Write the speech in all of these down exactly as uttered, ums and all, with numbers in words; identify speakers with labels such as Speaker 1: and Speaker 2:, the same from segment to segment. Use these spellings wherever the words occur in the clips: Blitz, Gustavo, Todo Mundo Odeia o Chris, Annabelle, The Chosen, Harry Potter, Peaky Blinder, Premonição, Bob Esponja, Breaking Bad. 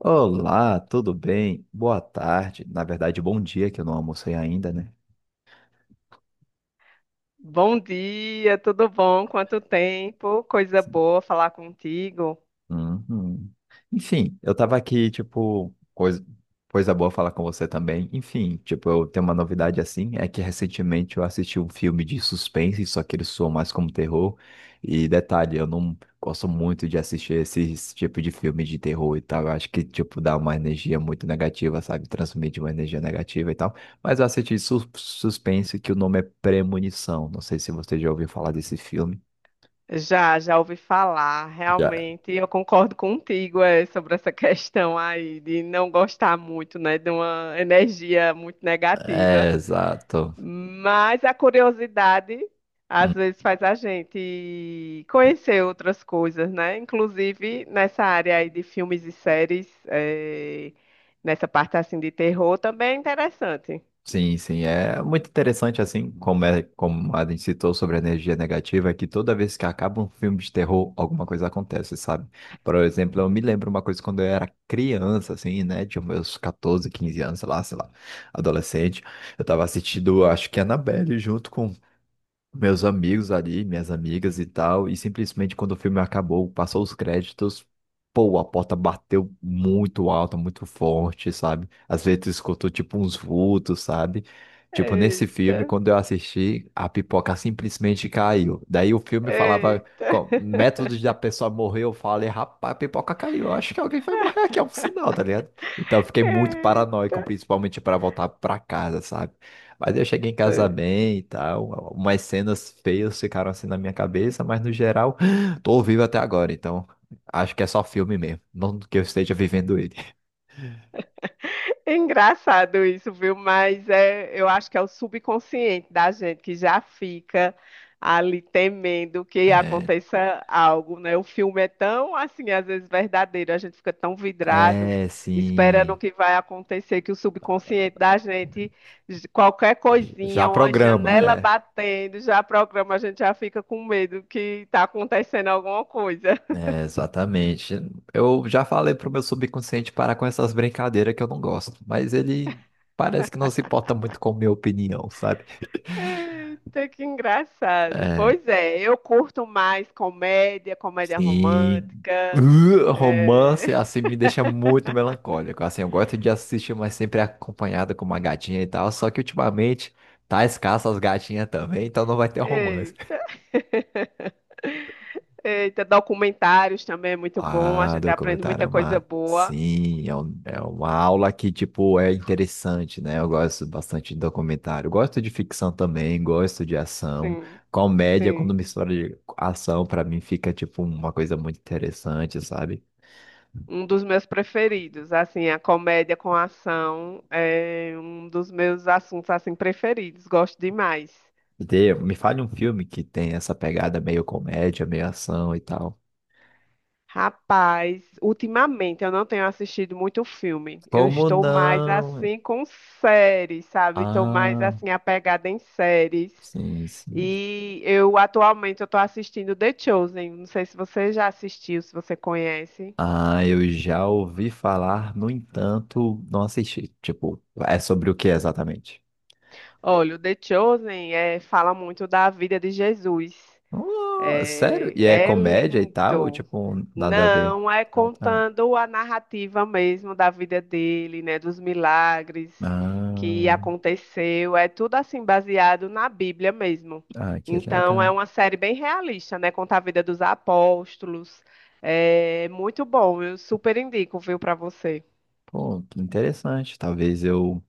Speaker 1: Olá, tudo bem? Boa tarde. Na verdade, bom dia, que eu não almocei ainda, né?
Speaker 2: Bom dia, tudo bom? Quanto tempo? Coisa boa falar contigo.
Speaker 1: Uhum. Enfim, eu tava aqui, tipo, coisa, coisa boa falar com você também. Enfim, tipo, eu tenho uma novidade assim, é que recentemente eu assisti um filme de suspense, só que ele soa mais como terror. E detalhe, eu não gosto muito de assistir esse tipo de filme de terror e tal. Eu acho que, tipo, dá uma energia muito negativa, sabe? Transmite uma energia negativa e tal. Mas eu assisti sus- suspense, que o nome é Premonição. Não sei se você já ouviu falar desse filme.
Speaker 2: Já, já ouvi falar,
Speaker 1: Já.
Speaker 2: realmente. Eu concordo contigo, é, sobre essa questão aí de não gostar muito, né, de uma energia muito
Speaker 1: É,
Speaker 2: negativa.
Speaker 1: exato.
Speaker 2: Mas a curiosidade às vezes faz a gente conhecer outras coisas, né? Inclusive nessa área aí de filmes e séries, eh, nessa parte assim de terror também é interessante.
Speaker 1: Sim, sim, é muito interessante assim, como é, como a gente citou sobre a energia negativa, que toda vez que acaba um filme de terror, alguma coisa acontece, sabe? Por exemplo, eu me lembro uma coisa quando eu era criança, assim, né, de meus catorze, quinze anos, sei lá, sei lá, adolescente, eu tava assistindo, acho que Annabelle junto com meus amigos ali, minhas amigas e tal, e simplesmente quando o filme acabou, passou os créditos, pô, a porta bateu muito alta, muito forte, sabe? Às vezes tu escutou tipo uns vultos, sabe? Tipo, nesse
Speaker 2: Eita.
Speaker 1: filme, quando eu assisti, a pipoca simplesmente caiu. Daí o filme falava
Speaker 2: Eita.
Speaker 1: co- métodos da pessoa morrer, eu falei, rapaz, a pipoca caiu, eu acho que alguém vai morrer aqui, é um sinal, tá ligado? Então eu fiquei muito
Speaker 2: Eita.
Speaker 1: paranoico, principalmente para voltar para casa, sabe? Mas eu cheguei em casa bem e tal. Umas cenas feias ficaram assim na minha cabeça, mas no geral, tô vivo até agora, então acho que é só filme mesmo. Não que eu esteja vivendo ele.
Speaker 2: É engraçado isso, viu? Mas é, eu acho que é o subconsciente da gente que já fica ali temendo que
Speaker 1: É,
Speaker 2: aconteça algo, né? O filme é tão, assim, às vezes verdadeiro, a gente fica tão vidrado
Speaker 1: é,
Speaker 2: esperando o
Speaker 1: sim.
Speaker 2: que vai acontecer, que o subconsciente da gente, j- qualquer
Speaker 1: Já
Speaker 2: coisinha, uma
Speaker 1: programa,
Speaker 2: janela
Speaker 1: é.
Speaker 2: batendo, já programa, a gente já fica com medo que está acontecendo alguma coisa.
Speaker 1: É, exatamente. Eu já falei pro meu subconsciente parar com essas brincadeiras que eu não gosto, mas ele parece que não se importa muito com minha opinião, sabe?
Speaker 2: Eita, que engraçado.
Speaker 1: É.
Speaker 2: Pois é, eu curto mais comédia, comédia
Speaker 1: Sim.
Speaker 2: romântica.
Speaker 1: Uh,
Speaker 2: É.
Speaker 1: Romance, assim, me deixa muito melancólico. Assim, eu gosto de assistir, mas sempre acompanhado com uma gatinha e tal. Só que ultimamente tá escasso as gatinhas também, então não vai ter romance.
Speaker 2: Eita. Eita, documentários também é muito bom. A
Speaker 1: Ah,
Speaker 2: gente aprende
Speaker 1: documentário é
Speaker 2: muita coisa
Speaker 1: uma.
Speaker 2: boa.
Speaker 1: Sim, é, um- é uma aula que, tipo, é interessante, né? Eu gosto bastante de documentário. Gosto de ficção também, gosto de ação.
Speaker 2: Sim,
Speaker 1: Comédia, quando
Speaker 2: sim.
Speaker 1: mistura de ação, pra mim fica, tipo, uma coisa muito interessante, sabe?
Speaker 2: Um dos meus preferidos, assim, a comédia com ação é um dos meus assuntos assim preferidos. Gosto demais.
Speaker 1: Dê- me fale um filme que tem essa pegada meio comédia, meio ação e tal.
Speaker 2: Rapaz, ultimamente eu não tenho assistido muito filme. Eu
Speaker 1: Como
Speaker 2: estou mais
Speaker 1: não?
Speaker 2: assim com séries, sabe? Estou mais
Speaker 1: Ah,
Speaker 2: assim apegada em séries.
Speaker 1: sim, sim.
Speaker 2: E eu atualmente eu estou assistindo The Chosen. Não sei se você já assistiu, se você conhece.
Speaker 1: Ah, eu já ouvi falar, no entanto, não assisti. Tipo, é sobre o que exatamente?
Speaker 2: Olha, o The Chosen eh, fala muito da vida de Jesus.
Speaker 1: Ah, sério?
Speaker 2: É,
Speaker 1: E é
Speaker 2: é
Speaker 1: comédia e tal? Ou,
Speaker 2: lindo.
Speaker 1: tipo, nada a ver?
Speaker 2: Não, é
Speaker 1: Ah, tá.
Speaker 2: contando a narrativa mesmo da vida dele, né, dos milagres que
Speaker 1: Ah,
Speaker 2: aconteceu, é tudo assim baseado na Bíblia mesmo.
Speaker 1: ah, que
Speaker 2: Então é
Speaker 1: legal.
Speaker 2: uma série bem realista, né, conta a vida dos apóstolos. É muito bom, eu super indico, viu, para você.
Speaker 1: Pô, interessante. Talvez eu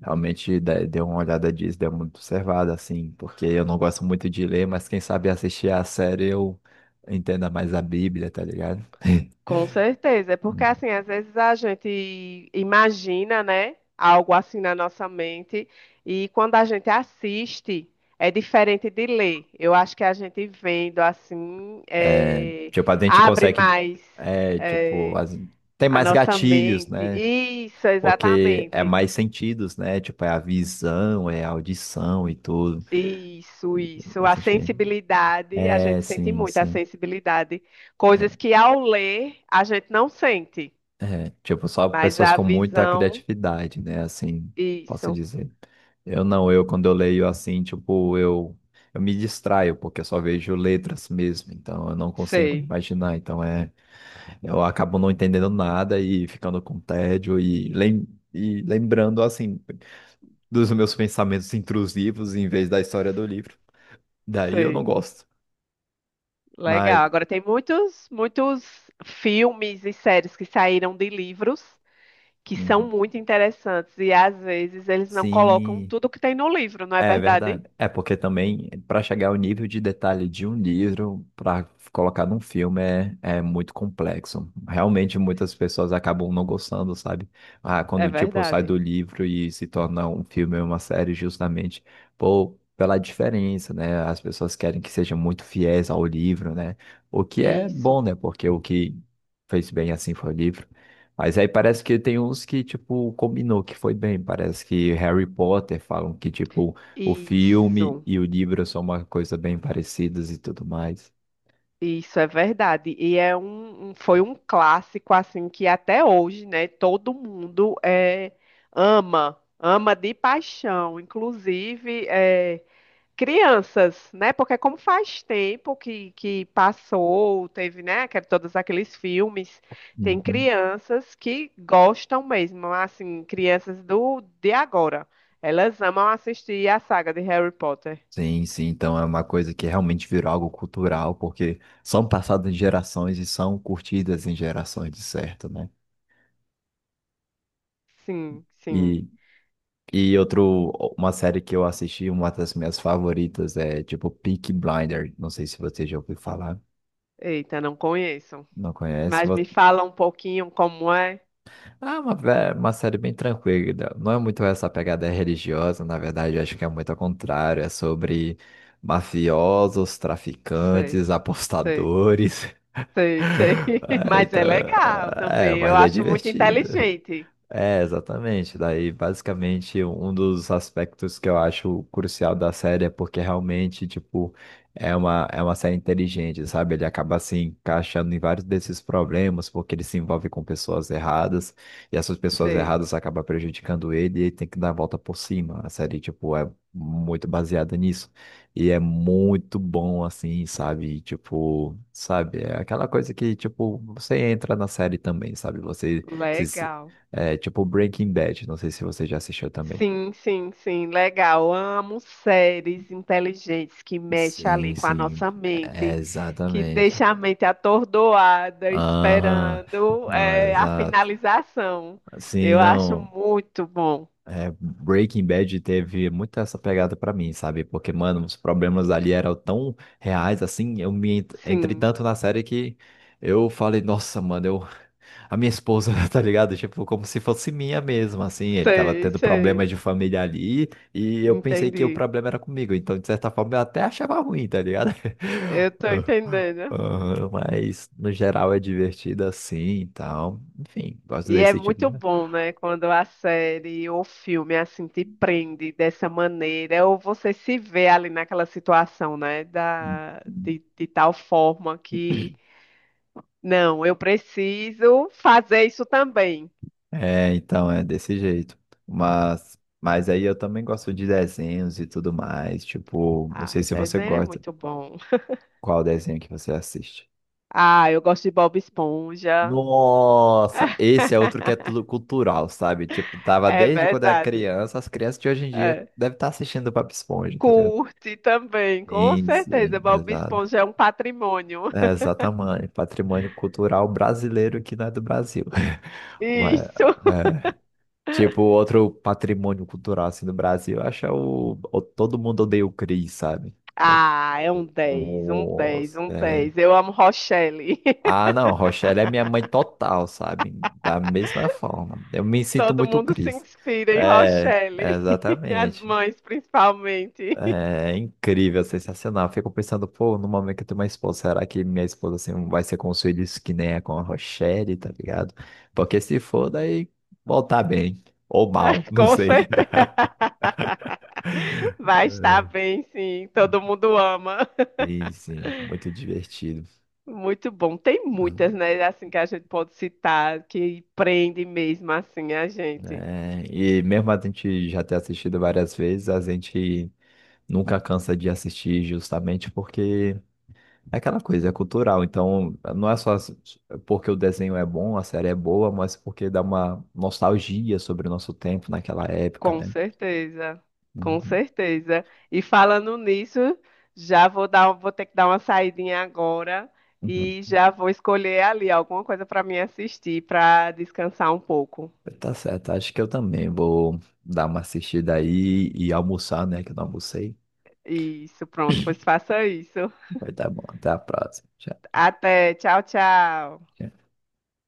Speaker 1: realmente dê dê uma olhada disso, dê uma observada, assim, porque eu não gosto muito de ler, mas quem sabe assistir a série eu entenda mais a Bíblia, tá ligado?
Speaker 2: Com certeza, é porque
Speaker 1: Hum.
Speaker 2: assim, às vezes a gente imagina, né, algo assim na nossa mente, e quando a gente assiste, é diferente de ler. Eu acho que a gente vendo assim, é,
Speaker 1: Tipo, a gente
Speaker 2: abre
Speaker 1: consegue,
Speaker 2: mais,
Speaker 1: é, tipo,
Speaker 2: é,
Speaker 1: as- tem
Speaker 2: a
Speaker 1: mais
Speaker 2: nossa
Speaker 1: gatilhos,
Speaker 2: mente.
Speaker 1: né?
Speaker 2: Isso,
Speaker 1: Porque é
Speaker 2: exatamente.
Speaker 1: mais sentidos, né? Tipo, é a visão, é a audição e tudo.
Speaker 2: Isso, isso.
Speaker 1: A
Speaker 2: A
Speaker 1: gente-
Speaker 2: sensibilidade, a
Speaker 1: É,
Speaker 2: gente sente
Speaker 1: sim,
Speaker 2: muito a
Speaker 1: sim.
Speaker 2: sensibilidade. Coisas que ao ler a gente não sente,
Speaker 1: É, tipo, só
Speaker 2: mas
Speaker 1: pessoas
Speaker 2: a
Speaker 1: com muita
Speaker 2: visão,
Speaker 1: criatividade, né? Assim, posso
Speaker 2: isso.
Speaker 1: dizer. Eu não, eu quando eu leio assim, tipo, eu, eu me distraio, porque eu só vejo letras mesmo, então eu não consigo
Speaker 2: Sei,
Speaker 1: imaginar. Então é, eu acabo não entendendo nada e ficando com tédio e, lem e lembrando, assim, dos meus pensamentos intrusivos em vez da história do livro. Daí eu não
Speaker 2: sei.
Speaker 1: gosto. Mas,
Speaker 2: Legal. Agora tem muitos, muitos filmes e séries que saíram de livros que são
Speaker 1: uhum,
Speaker 2: muito interessantes e às vezes eles não colocam
Speaker 1: sim.
Speaker 2: tudo que tem no livro, não é
Speaker 1: É
Speaker 2: verdade?
Speaker 1: verdade. É porque também, para chegar ao nível de detalhe de um livro, para colocar num filme, é, é muito complexo. Realmente, muitas pessoas acabam não gostando, sabe? Ah,
Speaker 2: É
Speaker 1: quando, tipo, sai do
Speaker 2: verdade.
Speaker 1: livro e se torna um filme ou uma série, justamente por, pela diferença, né? As pessoas querem que seja muito fiéis ao livro, né? O que é
Speaker 2: Isso,
Speaker 1: bom, né? Porque o que fez bem assim foi o livro. Mas aí parece que tem uns que, tipo, combinou que foi bem. Parece que Harry Potter falam que, tipo, o filme
Speaker 2: isso,
Speaker 1: e o livro são uma coisa bem parecidas e tudo mais.
Speaker 2: isso é verdade. E é um, um- foi um clássico assim que até hoje, né, todo mundo é, ama, ama de paixão. Inclusive, eh, crianças, né? Porque é como faz tempo que, que passou, teve, né, que- é todos aqueles filmes, tem
Speaker 1: Uhum.
Speaker 2: crianças que gostam mesmo, assim, crianças do de agora. Elas amam assistir a saga de Harry Potter.
Speaker 1: Sim, sim, então é uma coisa que realmente virou algo cultural, porque são passadas em gerações e são curtidas em gerações, de certo, né?
Speaker 2: Sim, sim.
Speaker 1: E, e outro, uma série que eu assisti, uma das minhas favoritas, é tipo Peaky Blinder. Não sei se você já ouviu falar,
Speaker 2: Eita, não conheço.
Speaker 1: não conhece.
Speaker 2: Mas me fala um pouquinho como é.
Speaker 1: Ah, uma, ve- uma série bem tranquila. Não é muito essa pegada religiosa, na verdade, eu acho que é muito ao contrário. É sobre mafiosos,
Speaker 2: Sei,
Speaker 1: traficantes,
Speaker 2: sei,
Speaker 1: apostadores.
Speaker 2: sei, sei.
Speaker 1: Ah,
Speaker 2: Mas
Speaker 1: então,
Speaker 2: é legal
Speaker 1: é,
Speaker 2: também. Eu
Speaker 1: mas é
Speaker 2: acho muito
Speaker 1: divertido.
Speaker 2: inteligente.
Speaker 1: É, exatamente. Daí, basicamente, um dos aspectos que eu acho crucial da série é porque realmente, tipo, é uma, é uma série inteligente, sabe? Ele acaba se encaixando em vários desses problemas, porque ele se envolve com pessoas erradas, e essas pessoas
Speaker 2: Sei.
Speaker 1: erradas acabam prejudicando ele e ele tem que dar a volta por cima. A série, tipo, é muito baseada nisso. E é muito bom, assim, sabe? Tipo, sabe? É aquela coisa que, tipo, você entra na série também, sabe? Você se
Speaker 2: Legal.
Speaker 1: é tipo Breaking Bad, não sei se você já assistiu também.
Speaker 2: Sim, sim, sim, legal. Amo séries inteligentes que mexem
Speaker 1: Sim,
Speaker 2: ali com a
Speaker 1: sim,
Speaker 2: nossa
Speaker 1: é,
Speaker 2: mente, que
Speaker 1: exatamente.
Speaker 2: deixa a mente atordoada,
Speaker 1: Aham,
Speaker 2: esperando
Speaker 1: não, é
Speaker 2: eh, a
Speaker 1: exato.
Speaker 2: finalização.
Speaker 1: Sim,
Speaker 2: Eu acho
Speaker 1: não,
Speaker 2: muito bom.
Speaker 1: é, Breaking Bad teve muito essa pegada pra mim, sabe? Porque, mano, os problemas ali eram tão reais, assim, eu me ent- entrei
Speaker 2: Sim,
Speaker 1: tanto na série que eu falei, nossa, mano, eu a minha esposa, tá ligado? Tipo, como se fosse minha mesmo, assim. Ele tava
Speaker 2: sei,
Speaker 1: tendo
Speaker 2: sei,
Speaker 1: problemas de família ali e eu pensei que o
Speaker 2: entendi.
Speaker 1: problema era comigo. Então, de certa forma, eu até achava ruim, tá ligado?
Speaker 2: Eu tô
Speaker 1: Ah,
Speaker 2: entendendo.
Speaker 1: ah, mas, no geral, é divertido assim e tal. Enfim, gosto
Speaker 2: E é
Speaker 1: desse tipo
Speaker 2: muito
Speaker 1: de...
Speaker 2: bom, né, quando a série ou filme assim te prende dessa maneira, ou você se vê ali naquela situação, né, da, de, de tal forma que, não, eu preciso fazer isso também.
Speaker 1: É, então, é desse jeito. Mas, mas aí eu também gosto de desenhos e tudo mais. Tipo, não sei
Speaker 2: Ah,
Speaker 1: se você
Speaker 2: desenho é
Speaker 1: gosta.
Speaker 2: muito bom.
Speaker 1: Qual desenho que você assiste?
Speaker 2: Ah, eu gosto de Bob Esponja.
Speaker 1: Nossa, esse é outro que é tudo cultural, sabe? Tipo, tava
Speaker 2: É
Speaker 1: desde quando era
Speaker 2: verdade.
Speaker 1: criança, as crianças de hoje em dia
Speaker 2: É.
Speaker 1: devem estar assistindo Bob Esponja, tá ligado?
Speaker 2: Curte também, com
Speaker 1: Sim, sim,
Speaker 2: certeza. Bob
Speaker 1: exato.
Speaker 2: Esponja é um patrimônio.
Speaker 1: É, exatamente, patrimônio cultural brasileiro que não é do Brasil. Ué,
Speaker 2: Isso.
Speaker 1: é. Tipo, outro patrimônio cultural assim do Brasil, eu acho que é o, o Todo Mundo Odeia o Chris, sabe? No-
Speaker 2: Ah, é um dez, um dez,
Speaker 1: Nossa,
Speaker 2: um
Speaker 1: é.
Speaker 2: dez. Eu amo Rochelle.
Speaker 1: Ah, não, Rochelle é minha mãe total, sabe? Da mesma forma. Eu me sinto
Speaker 2: Todo
Speaker 1: muito
Speaker 2: mundo se
Speaker 1: Cris.
Speaker 2: inspira em
Speaker 1: É, é,
Speaker 2: Rochelle. As
Speaker 1: exatamente.
Speaker 2: mães, principalmente.
Speaker 1: É incrível, sensacional. Eu fico pensando, pô, no momento que eu tenho uma esposa, será que minha esposa assim, vai ser com os filhos que nem é com a Rochelle, tá ligado? Porque se for, daí voltar bem. Ou
Speaker 2: Ah,
Speaker 1: mal, não
Speaker 2: com
Speaker 1: sei.
Speaker 2: certeza. Vai estar bem, sim. Todo mundo ama.
Speaker 1: Sim, sim, muito divertido.
Speaker 2: Muito bom. Tem muitas, né? Assim que a gente pode citar, que prende mesmo assim a gente.
Speaker 1: É, e mesmo a gente já ter assistido várias vezes, a gente nunca cansa de assistir justamente porque é aquela coisa, é cultural. Então, não é só s- porque o desenho é bom, a série é boa, mas porque dá uma nostalgia sobre o nosso tempo naquela época,
Speaker 2: Com
Speaker 1: né?
Speaker 2: certeza, com
Speaker 1: Uhum,
Speaker 2: certeza. E falando nisso, já vou dar, vou ter que dar uma saidinha agora
Speaker 1: uhum.
Speaker 2: e já vou escolher ali alguma coisa para me assistir, para descansar um pouco.
Speaker 1: Tá certo, acho que eu também vou dar uma assistida aí e almoçar, né? Que eu não almocei.
Speaker 2: Isso, pronto, pois faça isso.
Speaker 1: Vai dar bom. Até a próxima. Tchau.
Speaker 2: Até, tchau, tchau.
Speaker 1: Tchau.